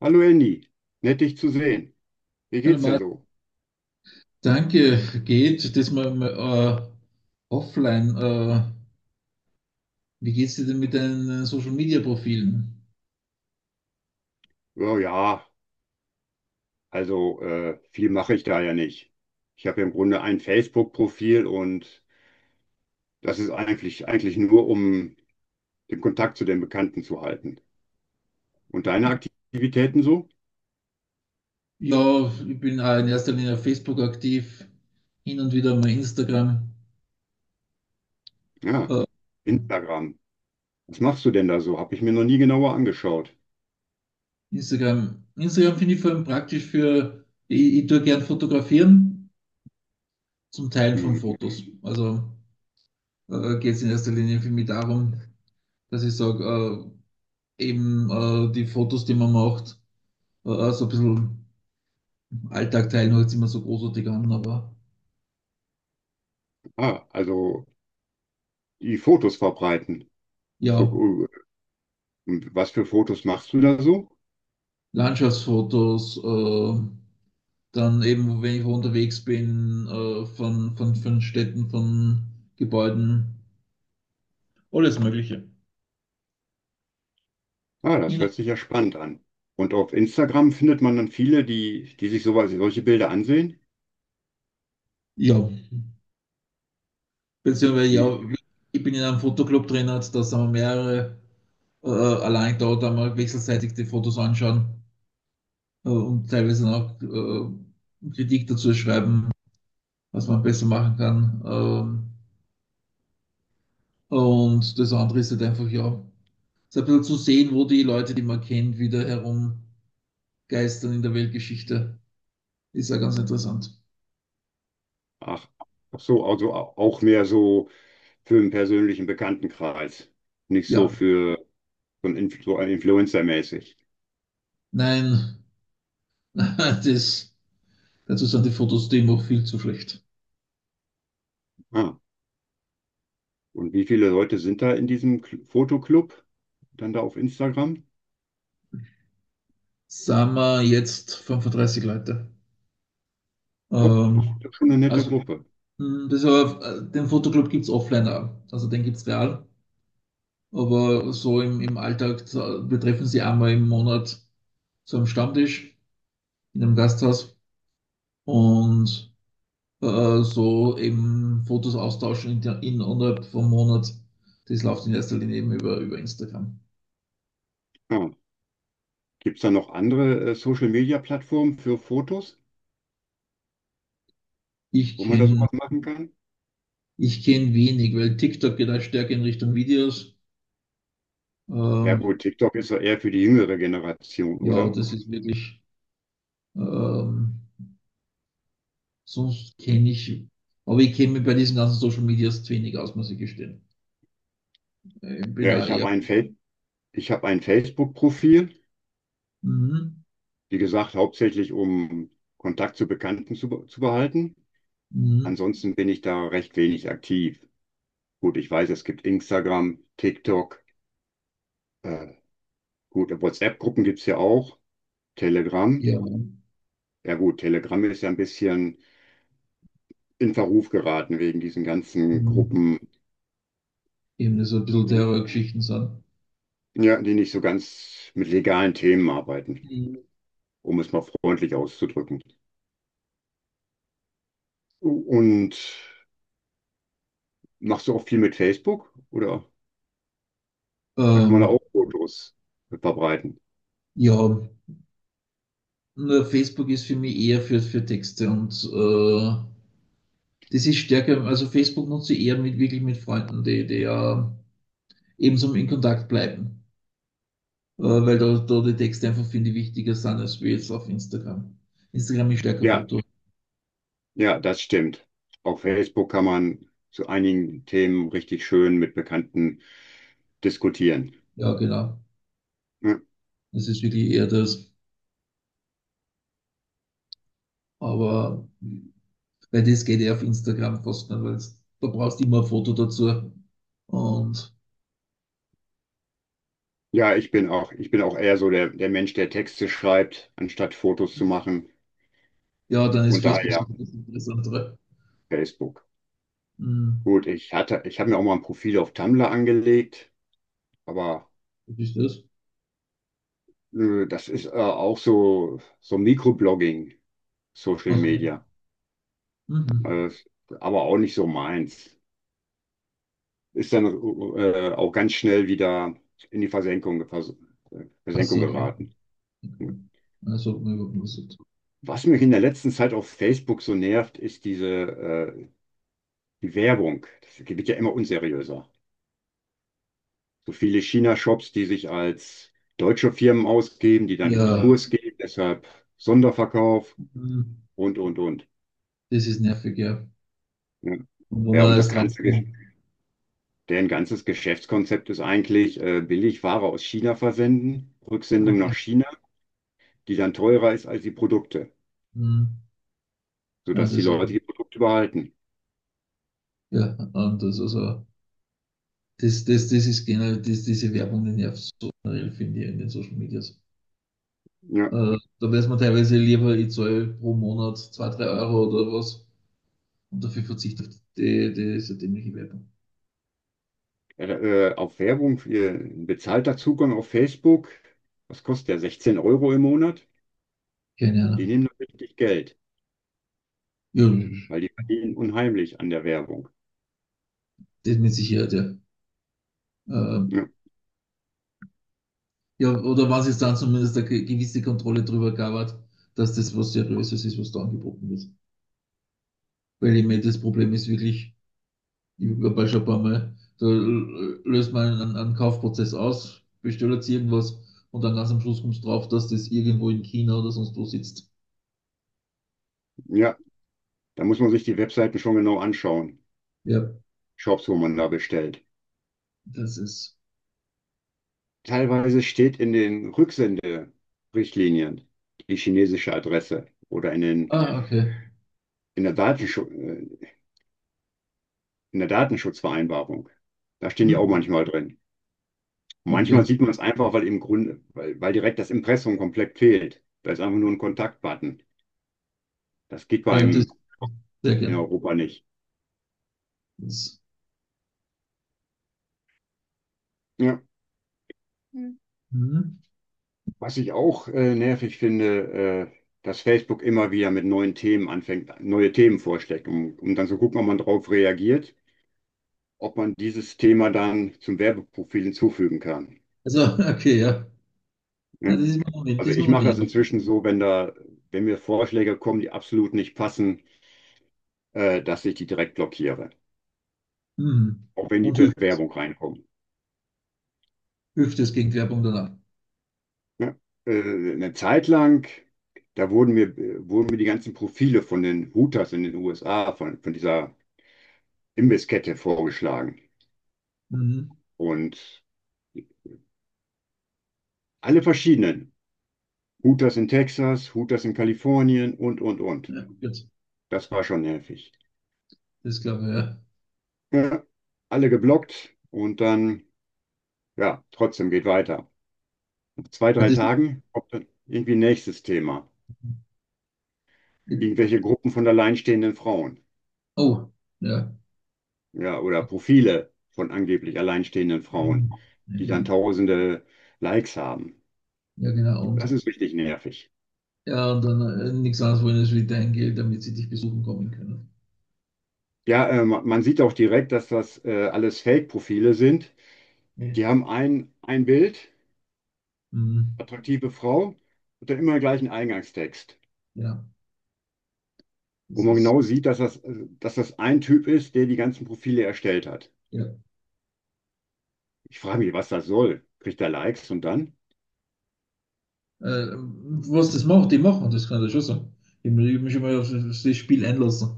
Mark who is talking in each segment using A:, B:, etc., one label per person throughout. A: Hallo Andy, nett dich zu sehen. Wie
B: Hallo
A: geht's denn
B: Marc,
A: so?
B: danke. Geht das mal, offline? Wie geht's dir denn mit deinen Social Media Profilen?
A: Oh ja, also viel mache ich da ja nicht. Ich habe ja im Grunde ein Facebook-Profil und das ist eigentlich nur, um den Kontakt zu den Bekannten zu halten. Und deine Aktivitäten so?
B: Ja, ich bin auch in erster Linie auf Facebook aktiv, hin und wieder mal Instagram.
A: Ja,
B: Äh,
A: Instagram. Was machst du denn da so? Habe ich mir noch nie genauer angeschaut.
B: Instagram, Instagram finde ich vor allem praktisch für, ich tue gern fotografieren, zum Teilen von
A: Hm,
B: Fotos. Also geht es in erster Linie für mich darum, dass ich sage, eben die Fotos, die man macht, so ein bisschen. Alltag teilen hört sich immer so großartig an, aber
A: ah, also die Fotos verbreiten. So,
B: ja,
A: äh, und was für Fotos machst du da so?
B: Landschaftsfotos, dann eben, wenn ich unterwegs bin, äh, von Städten, von Gebäuden, alles Mögliche.
A: Ah, das hört sich ja spannend an. Und auf Instagram findet man dann viele, die sich solche Bilder ansehen.
B: Ja, beziehungsweise
A: Wie,
B: ja, ich bin in einem Fotoclub drin, also da sind wir mehrere, allein da mal wechselseitig die Fotos anschauen und teilweise auch Kritik dazu schreiben, was man besser machen kann. Und das andere ist halt einfach, ja, so ein bisschen zu sehen, wo die Leute, die man kennt, wieder herumgeistern in der Weltgeschichte. Ist ja ganz interessant.
A: ach, ach so, also auch mehr so für einen persönlichen Bekanntenkreis. Nicht so
B: Ja,
A: für so ein Influencer-mäßig.
B: nein, das, dazu sind die Fotos die immer viel zu schlecht.
A: Ah, und wie viele Leute sind da in diesem Fotoclub? Dann da auf Instagram?
B: Sagen wir jetzt 35 Leute.
A: Och, das ist
B: Ähm,
A: ja schon eine nette
B: also,
A: Gruppe.
B: das aber, den Fotoclub gibt es offline auch. Also, den gibt es real. Aber so im Alltag, wir treffen sie einmal im Monat zu einem Stammtisch in einem Gasthaus und so eben Fotos austauschen in, innerhalb vom Monat. Das läuft in erster Linie eben über Instagram.
A: Ah, gibt es da noch andere Social-Media-Plattformen für Fotos,
B: Ich
A: wo man da
B: kenne
A: sowas machen kann?
B: ich kenn wenig, weil TikTok geht auch stärker in Richtung Videos.
A: Ja
B: Ähm,
A: gut, TikTok ist ja eher für die jüngere Generation,
B: ja,
A: oder?
B: das ist wirklich, ähm, sonst kenne ich, aber ich kenne mich bei diesen ganzen Social Medias zu wenig aus, muss ich gestehen. Ich bin
A: Ja,
B: auch
A: ich
B: eher,
A: habe ich habe ein Facebook-Profil,
B: mhm,
A: wie gesagt, hauptsächlich um Kontakt zu Bekannten zu behalten.
B: mhm,
A: Ansonsten bin ich da recht wenig aktiv. Gut, ich weiß, es gibt Instagram, TikTok, äh, gut, WhatsApp-Gruppen gibt's ja auch, Telegram.
B: ja,
A: Ja gut, Telegram ist ja ein bisschen in Verruf geraten wegen diesen ganzen
B: mhm,
A: Gruppen,
B: eben das so ein bisschen Terrorgeschichten sind.
A: ja, die nicht so ganz mit legalen Themen arbeiten,
B: Mhm.
A: um es mal freundlich auszudrücken. Und machst du auch viel mit Facebook? Oder da kann man
B: Ähm,
A: auch Fotos verbreiten.
B: ja, nur Facebook ist für mich eher für Texte und das ist stärker, also Facebook nutze ich eher mit wirklich mit Freunden, die, die ja ebenso in Kontakt bleiben. Weil da die Texte einfach finde ich wichtiger sind als wir jetzt auf Instagram. Instagram ist stärker
A: Ja,
B: Foto.
A: ja, das stimmt. Auf Facebook kann man zu einigen Themen richtig schön mit Bekannten diskutieren.
B: Ja, genau.
A: Ja,
B: Das ist wirklich eher das. Aber weil das geht ja auf Instagram fast nicht, weil da brauchst du immer ein Foto dazu. Und
A: ja, ich bin auch eher so der Mensch, der Texte schreibt, anstatt Fotos zu machen.
B: ja, dann ist
A: Und
B: Facebook
A: daher
B: sicher das Interessantere.
A: Facebook.
B: Hm,
A: Gut, ich habe mir auch mal ein Profil auf Tumblr angelegt, aber
B: was ist das?
A: das ist auch so Mikroblogging, Social
B: Okay.
A: Media.
B: Mhm.
A: Das- aber auch nicht so meins. Ist dann auch ganz schnell wieder in die
B: Ach
A: Versenkung
B: so.
A: geraten.
B: Okay. Also
A: Was mich in der letzten Zeit auf Facebook so nervt, ist die Werbung. Das wird ja immer unseriöser. So viele China-Shops, die sich als deutsche Firmen ausgeben, die dann in
B: ja,
A: Konkurs gehen, deshalb Sonderverkauf
B: hm,
A: und, und.
B: das ist nervig, ja.
A: Ja,
B: Und wo
A: ja
B: man
A: und
B: alles drauf kommt.
A: Deren ganzes Geschäftskonzept ist eigentlich billig Ware aus China versenden, Rücksendung
B: Ja,
A: nach China. Die dann teurer ist als die Produkte,
B: hm, ja,
A: sodass die
B: das
A: Leute die Produkte behalten.
B: ja, anders. Also, das ist generell, das, diese Werbung, die nervt so generell, finde ich, in den Social Medias.
A: Ja.
B: Da weiß man teilweise lieber, ich zahle pro Monat 2 3 Euro oder was und dafür verzichte auf diese dämliche Werbung.
A: Äh, äh, auf Werbung, äh, bezahlter Zugang auf Facebook, was kostet der? 16 Euro im Monat?
B: Keine
A: Die
B: Ahnung.
A: nehmen da richtig Geld,
B: Ja,
A: weil die verdienen unheimlich an der Werbung.
B: das mit Sicherheit, ja. Äh,
A: Ja.
B: Ja, oder was es dann zumindest eine gewisse Kontrolle drüber gab, hat, dass das was Seriöses ist, was da angeboten wird. Weil ich meine, das Problem ist wirklich, ich habe schon ein paar Mal, da löst man einen Kaufprozess aus, bestellt jetzt irgendwas und dann ganz am Schluss kommst du drauf, dass das irgendwo in China oder sonst wo sitzt.
A: Ja, da muss man sich die Webseiten schon genau anschauen,
B: Ja,
A: Shops, wo man da bestellt.
B: das ist.
A: Teilweise steht in den Rücksenderichtlinien die chinesische Adresse oder
B: Ah, okay.
A: in, der Datenschutz, äh, in der Datenschutzvereinbarung. Da stehen die auch
B: Hm,
A: manchmal drin. Manchmal
B: okay.
A: sieht man es einfach, weil im Grunde, weil, weil direkt das Impressum komplett fehlt. Da ist einfach nur ein Kontaktbutton. Das geht bei
B: Ja, das
A: einem
B: sehr
A: in
B: gern.
A: Europa nicht.
B: Das,
A: Ja.
B: hm.
A: Was ich auch nervig finde, dass Facebook immer wieder mit neuen Themen anfängt, neue Themen vorschlägt, um dann zu gucken, ob man darauf reagiert, ob man dieses Thema dann zum Werbeprofil hinzufügen kann.
B: Also, okay, ja. Na,
A: Ne?
B: das ist mir noch, das
A: Also
B: ist mir
A: ich
B: noch
A: mache das
B: weniger aufgefallen.
A: inzwischen so, wenn mir Vorschläge kommen, die absolut nicht passen, dass ich die direkt blockiere,
B: Hm.
A: auch wenn die
B: Und hilft das?
A: Bewerbung reinkommt.
B: Hilft das gegen Werbung danach?
A: Ja, eine Zeit lang, da wurden mir die ganzen Profile von den Hooters in den USA, von dieser Imbisskette vorgeschlagen.
B: Mhm.
A: Und alle verschiedenen. Hooters in Texas, Hooters in Kalifornien und, und.
B: Ja, gut,
A: Das war schon nervig.
B: das glaube ich, ja.
A: Ja, alle geblockt und dann, ja, trotzdem geht weiter. Nach zwei,
B: Ja,
A: drei
B: das ist,
A: Tagen kommt dann irgendwie nächstes Thema. Irgendwelche Gruppen von alleinstehenden Frauen.
B: oh, ja.
A: Ja, oder Profile von angeblich alleinstehenden
B: Mhm.
A: Frauen,
B: Ja,
A: die dann
B: genau.
A: tausende Likes haben.
B: Ja, genau. Und
A: Das ist richtig nervig.
B: ja, und dann nichts anderes wollen als wie dein Geld, damit sie dich besuchen kommen können.
A: Ja, man sieht auch direkt, dass das alles Fake-Profile sind.
B: Ja.
A: Die haben ein Bild,
B: Mhm.
A: attraktive Frau, und dann immer den gleichen Eingangstext,
B: Ja,
A: wo
B: das
A: man
B: ist,
A: genau sieht, dass das ein Typ ist, der die ganzen Profile erstellt hat.
B: ja.
A: Ich frage mich, was das soll. Kriegt er Likes und dann?
B: Was das macht, die machen, das kann ich schon sagen. Ich hab mich schon mal auf das Spiel einlassen.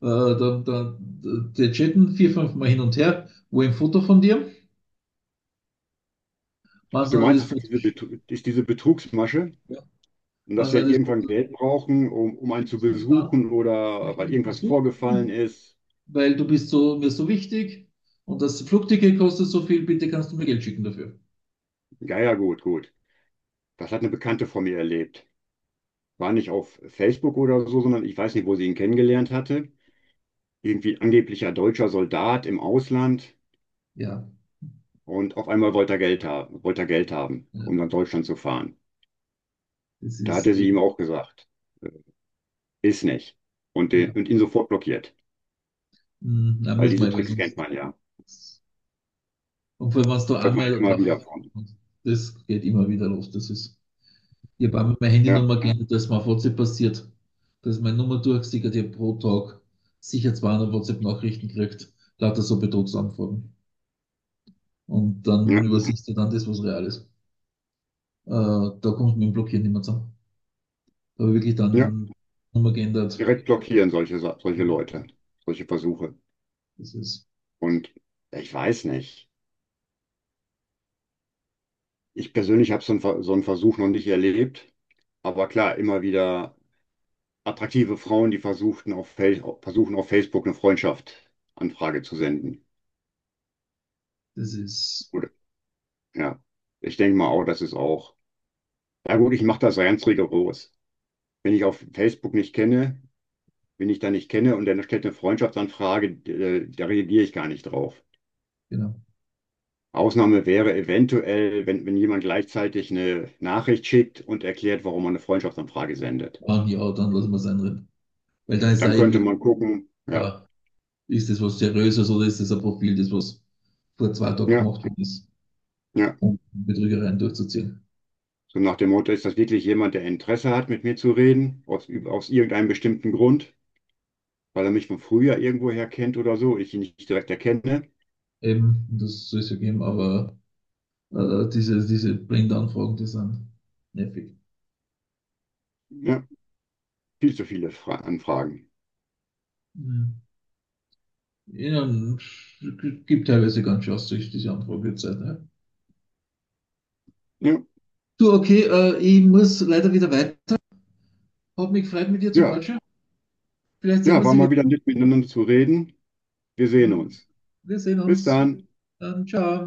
B: Die chatten vier, fünf Mal hin und her, wo ein Foto von dir,
A: Ach,
B: was
A: du
B: dann
A: meinst,
B: das
A: das
B: Foto,
A: ist Diese Betrugsmasche?
B: ja,
A: Und dass
B: was dann
A: wir
B: das
A: irgendwann
B: Foto
A: Geld brauchen, um einen zu
B: schickst und dann
A: besuchen oder
B: möchte ich
A: weil
B: dich
A: irgendwas vorgefallen
B: besuchen,
A: ist.
B: weil du bist so, mir so wichtig und das Flugticket kostet so viel, bitte kannst du mir Geld schicken dafür.
A: Ja, ja, gut, gut. Das hat eine Bekannte von mir erlebt. War nicht auf Facebook oder so, sondern ich weiß nicht, wo sie ihn kennengelernt hatte. Irgendwie angeblicher deutscher Soldat im Ausland.
B: Ja,
A: Und auf einmal wollte er Geld haben, wollte er Geld haben, um
B: ja
A: nach Deutschland zu fahren.
B: das
A: Da
B: ist
A: hatte sie
B: eben,
A: ihm auch gesagt, äh, ist nicht. Und
B: ja.
A: ihn sofort blockiert.
B: Hm, na,
A: Weil
B: muss
A: diese
B: man, weil
A: Tricks kennt
B: sonst.
A: man ja.
B: Und vor allem, wenn du
A: Hört man ja
B: einmal
A: immer
B: drauf,
A: wieder von.
B: und das geht immer wieder los. Das ist, ich habe einmal meine
A: Ja,
B: Handynummer geändert, dass mir auf WhatsApp passiert, dass meine Nummer durchgesickert, ich habe pro Tag sicher 200 WhatsApp-Nachrichten gekriegt, lauter so Betrugsanfragen. Und dann
A: ja,
B: übersiehst du dann das, was real ist. Da kommt du mit dem Blockieren nicht mehr zusammen. Da habe ich wirklich
A: ja.
B: dann Nummer geändert.
A: Direkt blockieren, solche Leute, solche Versuche.
B: Das ist,
A: Und ich weiß nicht. Ich persönlich habe so einen Versuch noch nicht erlebt. Aber klar, immer wieder attraktive Frauen, die versuchen auf Facebook eine Freundschaftsanfrage zu senden.
B: das ist,
A: Gut, ja. Ich denke mal auch, das ist auch. Ja gut, ich mache das ganz rigoros. Wenn ich auf Facebook nicht kenne, wenn ich da nicht kenne und dann stellt eine Freundschaftsanfrage, da reagiere ich gar nicht drauf.
B: genau.
A: Ausnahme wäre eventuell, wenn jemand gleichzeitig eine Nachricht schickt und erklärt, warum man eine Freundschaftsanfrage sendet.
B: Ah, ja, dann lassen wir es einreden. Weil dann ist da
A: Dann könnte
B: irgendwie,
A: man gucken, ja,
B: ja, ist das was Seriöses oder ist das ein Profil, das was vor 2 Tagen
A: ja,
B: gemacht worden ist,
A: ja.
B: um Betrügereien durchzuziehen?
A: So nach dem Motto, ist das wirklich jemand, der Interesse hat, mit mir zu reden, aus irgendeinem bestimmten Grund, weil er mich von früher irgendwoher kennt oder so, ich ihn nicht direkt erkenne.
B: Eben, das soll es ja geben, aber äh, diese Blindanfragen, die sind nervig.
A: Ja, viel zu viele Fra Anfragen.
B: Mhm. Ja, gibt teilweise ganz schön Aussicht, diese Anfragezeit. Ne?
A: Ja,
B: Du, okay, ich muss leider wieder weiter. Hat mich gefreut, mit dir zu
A: ja,
B: quatschen. Vielleicht sehen wir
A: ja, war
B: sie wieder.
A: mal wieder nett miteinander zu reden. Wir sehen
B: Mhm.
A: uns.
B: Wir sehen
A: Bis
B: uns.
A: dann.
B: Dann ciao.